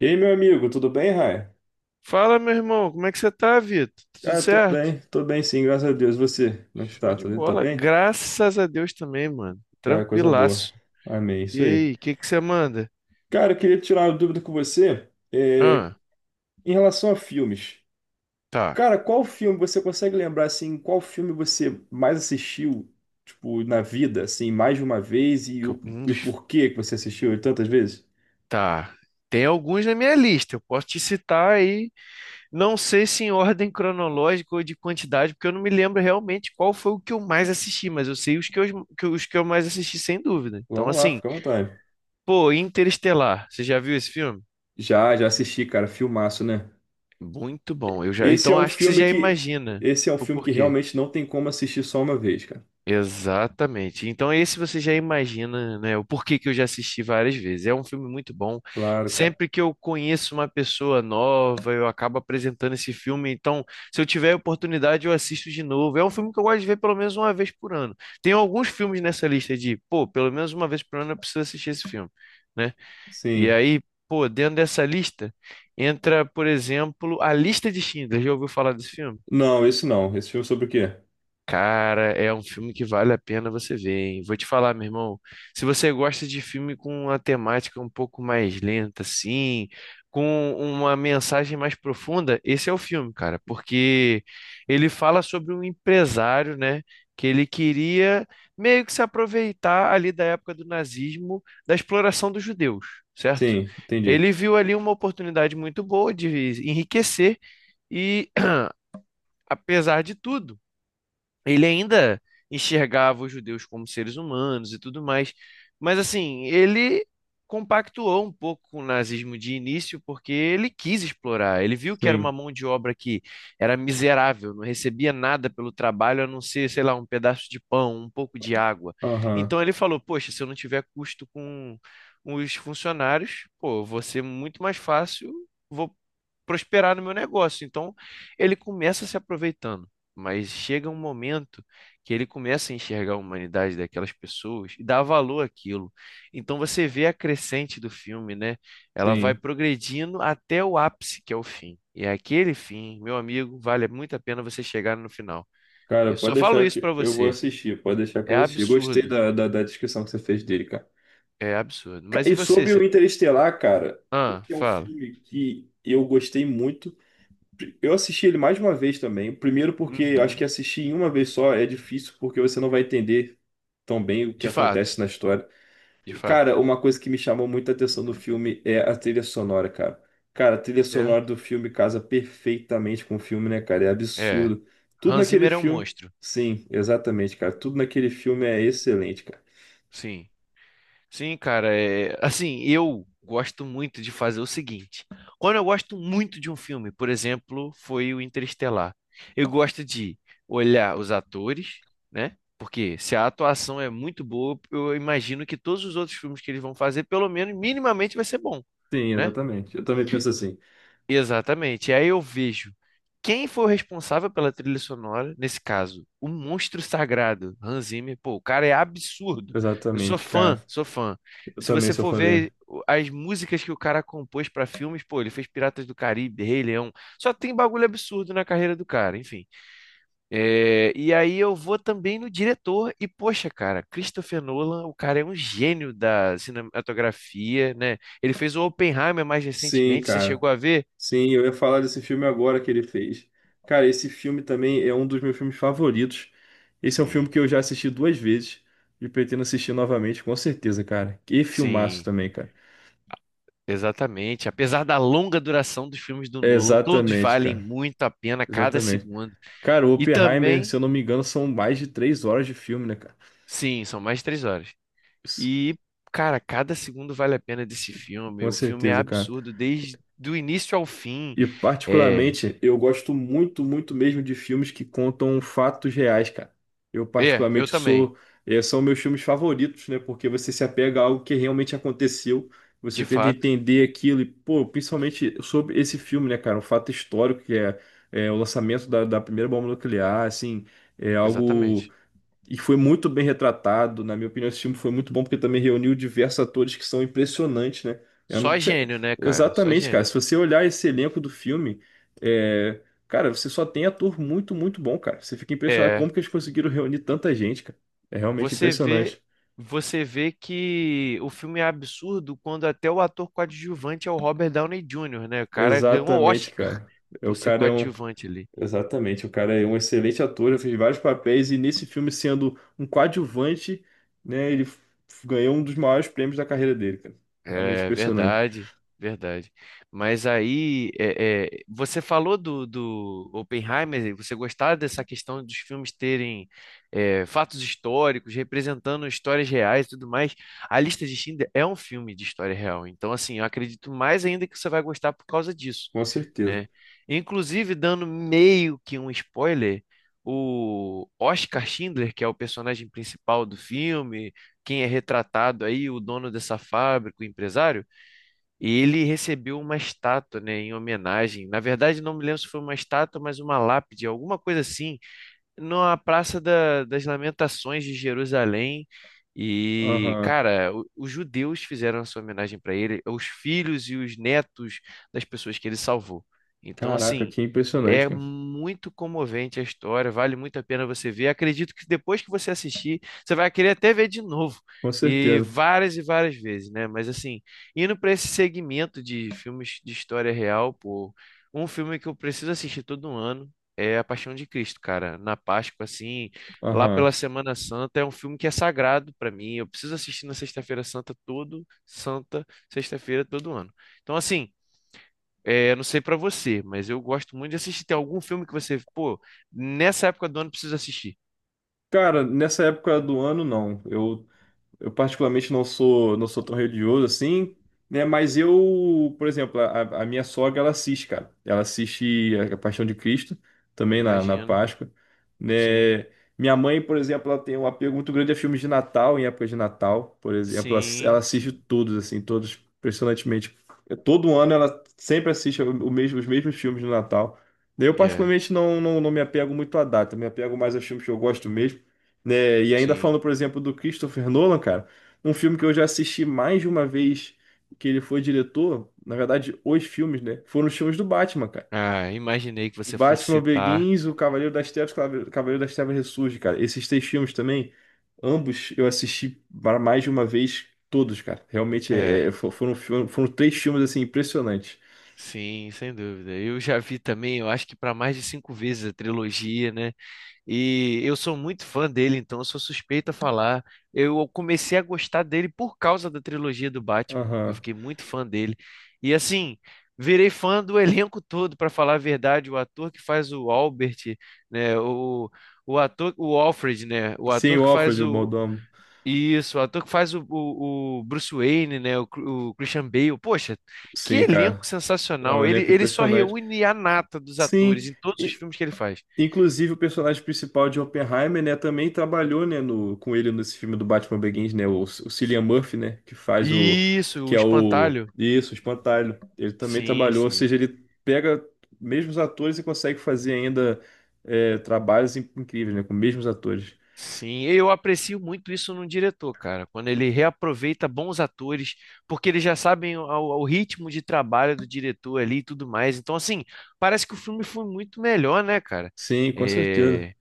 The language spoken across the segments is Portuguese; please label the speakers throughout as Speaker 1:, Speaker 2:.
Speaker 1: E aí, meu amigo, tudo bem, Rai?
Speaker 2: Fala, meu irmão, como é que você tá, Vitor? Tá tudo
Speaker 1: Cara,
Speaker 2: certo?
Speaker 1: tô bem sim, graças a Deus. Você, como é que você
Speaker 2: Show
Speaker 1: tá?
Speaker 2: de
Speaker 1: Tá
Speaker 2: bola.
Speaker 1: bem?
Speaker 2: Graças a Deus também, mano.
Speaker 1: Cara, coisa boa.
Speaker 2: Tranquilaço.
Speaker 1: Amém,
Speaker 2: E
Speaker 1: isso aí.
Speaker 2: aí, o que que você manda?
Speaker 1: Cara, eu queria tirar uma dúvida com você,
Speaker 2: Ah,
Speaker 1: em relação a filmes.
Speaker 2: tá.
Speaker 1: Cara, qual filme você consegue lembrar, assim, qual filme você mais assistiu, tipo, na vida, assim, mais de uma vez
Speaker 2: Que eu- Um
Speaker 1: e o
Speaker 2: dos...
Speaker 1: porquê que você assistiu ele tantas vezes?
Speaker 2: Tá. Tem alguns na minha lista. Eu posso te citar aí. Não sei se em ordem cronológica ou de quantidade, porque eu não me lembro realmente qual foi o que eu mais assisti, mas eu sei os que eu mais assisti, sem dúvida. Então,
Speaker 1: Vamos lá,
Speaker 2: assim,
Speaker 1: fica à vontade.
Speaker 2: pô, Interestelar. Você já viu esse filme?
Speaker 1: Já assisti, cara, filmaço, né?
Speaker 2: Muito bom.
Speaker 1: Esse é
Speaker 2: Então,
Speaker 1: um
Speaker 2: acho que você
Speaker 1: filme
Speaker 2: já
Speaker 1: que,
Speaker 2: imagina
Speaker 1: esse é um
Speaker 2: o
Speaker 1: filme que
Speaker 2: porquê.
Speaker 1: realmente não tem como assistir só uma vez, cara.
Speaker 2: Exatamente. Então, esse você já imagina, né, o porquê que eu já assisti várias vezes. É um filme muito bom.
Speaker 1: Claro, cara.
Speaker 2: Sempre que eu conheço uma pessoa nova, eu acabo apresentando esse filme. Então, se eu tiver a oportunidade, eu assisto de novo. É um filme que eu gosto de ver pelo menos uma vez por ano. Tem alguns filmes nessa lista de, pô, pelo menos uma vez por ano eu preciso assistir esse filme, né? E
Speaker 1: Sim.
Speaker 2: aí, pô, dentro dessa lista entra, por exemplo, A Lista de Schindler. Já ouviu falar desse filme?
Speaker 1: Não, esse não. Esse filme é sobre o quê?
Speaker 2: Cara, é um filme que vale a pena você ver, hein? Vou te falar, meu irmão. Se você gosta de filme com uma temática um pouco mais lenta, assim, com uma mensagem mais profunda, esse é o filme, cara, porque ele fala sobre um empresário, né, que ele queria meio que se aproveitar ali da época do nazismo, da exploração dos judeus, certo?
Speaker 1: Sim, entendi.
Speaker 2: Ele viu ali uma oportunidade muito boa de enriquecer e, apesar de tudo ele ainda enxergava os judeus como seres humanos e tudo mais, mas assim, ele compactuou um pouco com o nazismo de início porque ele quis explorar, ele viu que era uma
Speaker 1: Sim.
Speaker 2: mão de obra que era miserável, não recebia nada pelo trabalho a não ser, sei lá, um pedaço de pão, um pouco de água.
Speaker 1: Aham.
Speaker 2: Então ele falou: poxa, se eu não tiver custo com os funcionários, pô, vou ser muito mais fácil, vou prosperar no meu negócio. Então ele começa se aproveitando. Mas chega um momento que ele começa a enxergar a humanidade daquelas pessoas e dá valor àquilo. Então você vê a crescente do filme, né? Ela vai
Speaker 1: Sim.
Speaker 2: progredindo até o ápice, que é o fim. E é aquele fim, meu amigo, vale muito a pena você chegar no final.
Speaker 1: Cara,
Speaker 2: Eu
Speaker 1: pode
Speaker 2: só falo
Speaker 1: deixar
Speaker 2: isso
Speaker 1: que
Speaker 2: pra
Speaker 1: eu vou
Speaker 2: você.
Speaker 1: assistir. Pode deixar que eu
Speaker 2: É
Speaker 1: vou assistir. Gostei
Speaker 2: absurdo.
Speaker 1: da descrição que você fez dele, cara.
Speaker 2: É absurdo. Mas e
Speaker 1: E
Speaker 2: você?
Speaker 1: sobre o Interestelar, cara,
Speaker 2: Ah,
Speaker 1: esse é um
Speaker 2: fala.
Speaker 1: filme que eu gostei muito. Eu assisti ele mais de uma vez também. Primeiro porque eu acho
Speaker 2: Uhum.
Speaker 1: que assistir em uma vez só é difícil, porque você não vai entender tão bem o que
Speaker 2: De fato,
Speaker 1: acontece na história.
Speaker 2: de fato.
Speaker 1: Cara, uma coisa que me chamou muita atenção no filme é a trilha sonora, cara. Cara, a trilha sonora
Speaker 2: Certo.
Speaker 1: do filme casa perfeitamente com o filme, né, cara? É
Speaker 2: É.
Speaker 1: absurdo. Tudo
Speaker 2: Hans
Speaker 1: naquele
Speaker 2: Zimmer é um
Speaker 1: filme.
Speaker 2: monstro.
Speaker 1: Sim, exatamente, cara. Tudo naquele filme é excelente, cara.
Speaker 2: Sim. Sim, cara, é, assim, eu gosto muito de fazer o seguinte. Quando eu gosto muito de um filme, por exemplo, foi o Interestelar. Eu gosto de olhar os atores, né? Porque se a atuação é muito boa, eu imagino que todos os outros filmes que eles vão fazer, pelo menos minimamente vai ser bom,
Speaker 1: Sim,
Speaker 2: né?
Speaker 1: exatamente. Eu também penso assim.
Speaker 2: Exatamente. E aí eu vejo quem foi o responsável pela trilha sonora, nesse caso, o monstro sagrado, Hans Zimmer. Pô, o cara é absurdo. Eu sou
Speaker 1: Exatamente, cara.
Speaker 2: fã, sou fã.
Speaker 1: Eu
Speaker 2: Se
Speaker 1: também
Speaker 2: você
Speaker 1: sou
Speaker 2: for
Speaker 1: fã dele.
Speaker 2: ver as músicas que o cara compôs para filmes, pô, ele fez Piratas do Caribe, Rei Leão. Só tem bagulho absurdo na carreira do cara, enfim. É, e aí eu vou também no diretor e, poxa, cara, Christopher Nolan, o cara é um gênio da cinematografia, né? Ele fez o Oppenheimer mais
Speaker 1: Sim,
Speaker 2: recentemente, você
Speaker 1: cara.
Speaker 2: chegou a ver?
Speaker 1: Sim, eu ia falar desse filme agora que ele fez. Cara, esse filme também é um dos meus filmes favoritos. Esse é um filme
Speaker 2: Sim.
Speaker 1: que eu já assisti duas vezes e pretendo assistir novamente, com certeza, cara. Que filmaço
Speaker 2: Sim,
Speaker 1: também, cara.
Speaker 2: exatamente. Apesar da longa duração dos filmes do
Speaker 1: É,
Speaker 2: Nolan, todos
Speaker 1: exatamente,
Speaker 2: valem
Speaker 1: cara.
Speaker 2: muito a pena cada
Speaker 1: Exatamente.
Speaker 2: segundo.
Speaker 1: Cara, o
Speaker 2: E
Speaker 1: Oppenheimer, se
Speaker 2: também,
Speaker 1: eu não me engano, são mais de três horas de filme, né, cara?
Speaker 2: sim, são mais de 3 horas.
Speaker 1: Isso,
Speaker 2: E, cara, cada segundo vale a pena desse filme.
Speaker 1: com
Speaker 2: O filme é
Speaker 1: certeza, cara.
Speaker 2: absurdo desde do início ao fim.
Speaker 1: E
Speaker 2: É,
Speaker 1: particularmente, eu gosto muito, muito mesmo de filmes que contam fatos reais, cara. Eu
Speaker 2: eu
Speaker 1: particularmente
Speaker 2: também,
Speaker 1: sou, eh, são meus filmes favoritos, né? Porque você se apega a algo que realmente aconteceu, você
Speaker 2: de
Speaker 1: tenta
Speaker 2: fato,
Speaker 1: entender aquilo e, pô, principalmente sobre esse filme, né, cara? Um fato histórico que é o lançamento da primeira bomba nuclear, assim, é algo
Speaker 2: exatamente.
Speaker 1: e foi muito bem retratado. Na minha opinião, esse filme foi muito bom porque também reuniu diversos atores que são impressionantes, né? Eu não
Speaker 2: Só
Speaker 1: sei-
Speaker 2: gênio, né, cara? Só
Speaker 1: Exatamente, cara.
Speaker 2: gênio.
Speaker 1: Se você olhar esse elenco do filme, é, cara, você só tem ator muito, muito bom, cara. Você fica impressionado
Speaker 2: É.
Speaker 1: como que eles conseguiram reunir tanta gente, cara. É realmente
Speaker 2: Você vê,
Speaker 1: impressionante.
Speaker 2: você vê que o filme é absurdo quando até o ator coadjuvante é o Robert Downey Jr., né? O cara ganhou
Speaker 1: Exatamente,
Speaker 2: Oscar
Speaker 1: cara. É, o
Speaker 2: por ser
Speaker 1: cara é um.
Speaker 2: coadjuvante ali.
Speaker 1: Exatamente, o cara é um excelente ator, ele fez vários papéis e nesse filme, sendo um coadjuvante, né? Ganhou um dos maiores prêmios da carreira dele, cara. Realmente
Speaker 2: É
Speaker 1: impressionante.
Speaker 2: verdade, verdade. Mas aí, você falou do Oppenheimer, e você gostava dessa questão dos filmes terem é, fatos históricos, representando histórias reais e tudo mais. A Lista de Schindler é um filme de história real, então assim, eu acredito mais ainda que você vai gostar por causa disso,
Speaker 1: Com certeza.
Speaker 2: né? Inclusive, dando meio que um spoiler, o Oscar Schindler, que é o personagem principal do filme quem é retratado aí, o dono dessa fábrica, o empresário, ele recebeu uma estátua, né, em homenagem. Na verdade, não me lembro se foi uma estátua, mas uma lápide, alguma coisa assim, na das Lamentações de Jerusalém. E,
Speaker 1: Aham.
Speaker 2: cara, os judeus fizeram a sua homenagem para ele, os filhos e os netos das pessoas que ele salvou. Então,
Speaker 1: Caraca,
Speaker 2: assim,
Speaker 1: que impressionante,
Speaker 2: é
Speaker 1: cara.
Speaker 2: muito comovente a história, vale muito a pena você ver. Acredito que depois que você assistir, você vai querer até ver de novo.
Speaker 1: Com certeza.
Speaker 2: E várias vezes, né? Mas assim, indo para esse segmento de filmes de história real, pô, um filme que eu preciso assistir todo ano é A Paixão de Cristo, cara. Na Páscoa, assim, lá
Speaker 1: Aham.
Speaker 2: pela Semana Santa, é um filme que é sagrado pra mim. Eu preciso assistir na Sexta-feira todo ano. Então, assim, é, eu não sei pra você, mas eu gosto muito de assistir. Tem algum filme que você, pô, nessa época do ano precisa assistir?
Speaker 1: Cara, nessa época do ano, não. Eu particularmente não sou tão religioso assim, né? Mas eu, por exemplo, a minha sogra, ela assiste, cara. Ela assiste a Paixão de Cristo, também na
Speaker 2: Imagina.
Speaker 1: Páscoa,
Speaker 2: Sim,
Speaker 1: né? Minha mãe, por exemplo, ela tem um apego muito grande a filmes de Natal, em época de Natal, por exemplo. Ela
Speaker 2: sim,
Speaker 1: assiste
Speaker 2: sim.
Speaker 1: todos, assim, todos, impressionantemente. É, todo ano ela sempre assiste o mesmo, os mesmos filmes do Natal. Eu,
Speaker 2: É,
Speaker 1: particularmente, não me apego muito à data, me apego mais aos filmes que eu gosto mesmo, né? E ainda
Speaker 2: sim.
Speaker 1: falando, por exemplo, do Christopher Nolan, cara, um filme que eu já assisti mais de uma vez que ele foi diretor, na verdade, os filmes, né? Foram os filmes do Batman, cara.
Speaker 2: Ah, imaginei que
Speaker 1: O
Speaker 2: você fosse
Speaker 1: Batman
Speaker 2: citar.
Speaker 1: Begins, o Cavaleiro das Trevas, o Cavaleiro das Trevas Ressurge, cara. Esses três filmes também, ambos eu assisti para mais de uma vez todos, cara. Realmente
Speaker 2: É,
Speaker 1: foram três filmes assim impressionantes.
Speaker 2: sim, sem dúvida. Eu já vi também, eu acho que para mais de cinco vezes a trilogia, né? E eu sou muito fã dele, então eu sou suspeito a falar. Eu comecei a gostar dele por causa da trilogia do Batman. Eu
Speaker 1: Aham.
Speaker 2: fiquei muito fã dele. E assim, virei fã do elenco todo, para falar a verdade. O ator que faz o Albert, né? O ator, o Alfred, né? O
Speaker 1: Sim,
Speaker 2: ator
Speaker 1: o
Speaker 2: que faz
Speaker 1: Alfred, o
Speaker 2: o.
Speaker 1: Mordomo.
Speaker 2: Isso, o ator que faz o Bruce Wayne, né? O, o Christian Bale. Poxa, que
Speaker 1: Sim,
Speaker 2: elenco
Speaker 1: cara. É um
Speaker 2: sensacional! Ele,
Speaker 1: elenco
Speaker 2: ele só
Speaker 1: impressionante.
Speaker 2: reúne a nata dos
Speaker 1: Sim.
Speaker 2: atores em todos os filmes que ele faz.
Speaker 1: Inclusive, o personagem principal de Oppenheimer, né, também trabalhou, né, no, com ele nesse filme do Batman Begins, né, o Cillian Murphy, né,
Speaker 2: Isso,
Speaker 1: que
Speaker 2: o
Speaker 1: é o,
Speaker 2: espantalho.
Speaker 1: isso, o Espantalho. Ele também
Speaker 2: Sim,
Speaker 1: trabalhou, ou
Speaker 2: sim.
Speaker 1: seja, ele pega mesmos atores e consegue fazer ainda trabalhos incríveis, né, com mesmos atores.
Speaker 2: Sim, eu aprecio muito isso num diretor, cara, quando ele reaproveita bons atores, porque eles já sabem o ritmo de trabalho do diretor ali e tudo mais. Então, assim, parece que o filme foi muito melhor, né, cara?
Speaker 1: Sim, com certeza.
Speaker 2: É,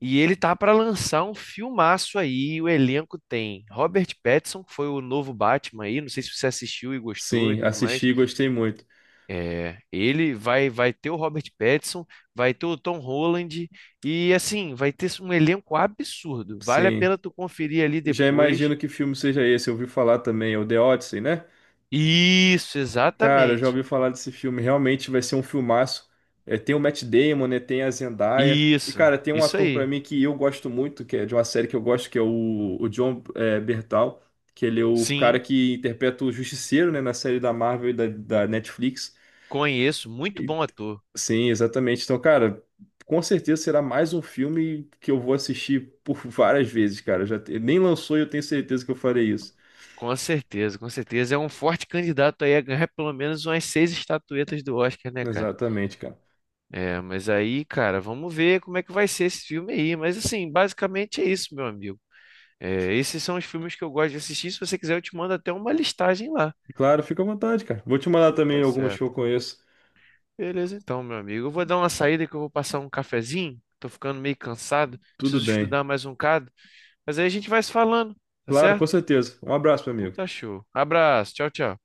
Speaker 2: e ele tá pra lançar um filmaço aí, o elenco tem Robert Pattinson, que foi o novo Batman aí, não sei se você assistiu e gostou e
Speaker 1: Sim,
Speaker 2: tudo
Speaker 1: assisti
Speaker 2: mais.
Speaker 1: e gostei muito.
Speaker 2: É, ele vai ter o Robert Pattinson, vai ter o Tom Holland e assim, vai ter um elenco absurdo. Vale a
Speaker 1: Sim.
Speaker 2: pena tu conferir ali
Speaker 1: Já
Speaker 2: depois.
Speaker 1: imagino que filme seja esse, eu ouvi falar também, é o The Odyssey, né?
Speaker 2: Isso,
Speaker 1: Cara, eu já
Speaker 2: exatamente.
Speaker 1: ouvi falar desse filme. Realmente vai ser um filmaço. É, tem o Matt Damon, né? Tem a Zendaya. E,
Speaker 2: Isso,
Speaker 1: cara, tem um
Speaker 2: isso
Speaker 1: ator pra
Speaker 2: aí.
Speaker 1: mim que eu gosto muito, que é de uma série que eu gosto, que é o John Bertal, que ele é o cara
Speaker 2: Sim,
Speaker 1: que interpreta o Justiceiro, né? Na série da Marvel e da Netflix.
Speaker 2: conheço, muito
Speaker 1: E-
Speaker 2: bom ator.
Speaker 1: sim, exatamente. Então, cara, com certeza será mais um filme que eu vou assistir por várias vezes, cara. Nem lançou e eu tenho certeza que eu farei isso.
Speaker 2: Com certeza, com certeza. É um forte candidato aí a ganhar pelo menos umas seis estatuetas do Oscar, né, cara?
Speaker 1: Exatamente, cara.
Speaker 2: É, mas aí, cara, vamos ver como é que vai ser esse filme aí. Mas assim, basicamente é isso, meu amigo. É, esses são os filmes que eu gosto de assistir. Se você quiser, eu te mando até uma listagem lá.
Speaker 1: Claro, fica à vontade, cara. Vou te mandar
Speaker 2: Então
Speaker 1: também
Speaker 2: tá
Speaker 1: algumas que eu
Speaker 2: certo.
Speaker 1: conheço.
Speaker 2: Beleza, então, meu amigo. Eu vou dar uma saída que eu vou passar um cafezinho. Tô ficando meio cansado.
Speaker 1: Tudo
Speaker 2: Preciso
Speaker 1: bem.
Speaker 2: estudar mais um bocado. Mas aí a gente vai se falando, tá
Speaker 1: Claro, com
Speaker 2: certo?
Speaker 1: certeza. Um abraço, meu
Speaker 2: Então
Speaker 1: amigo.
Speaker 2: tá show. Abraço. Tchau, tchau.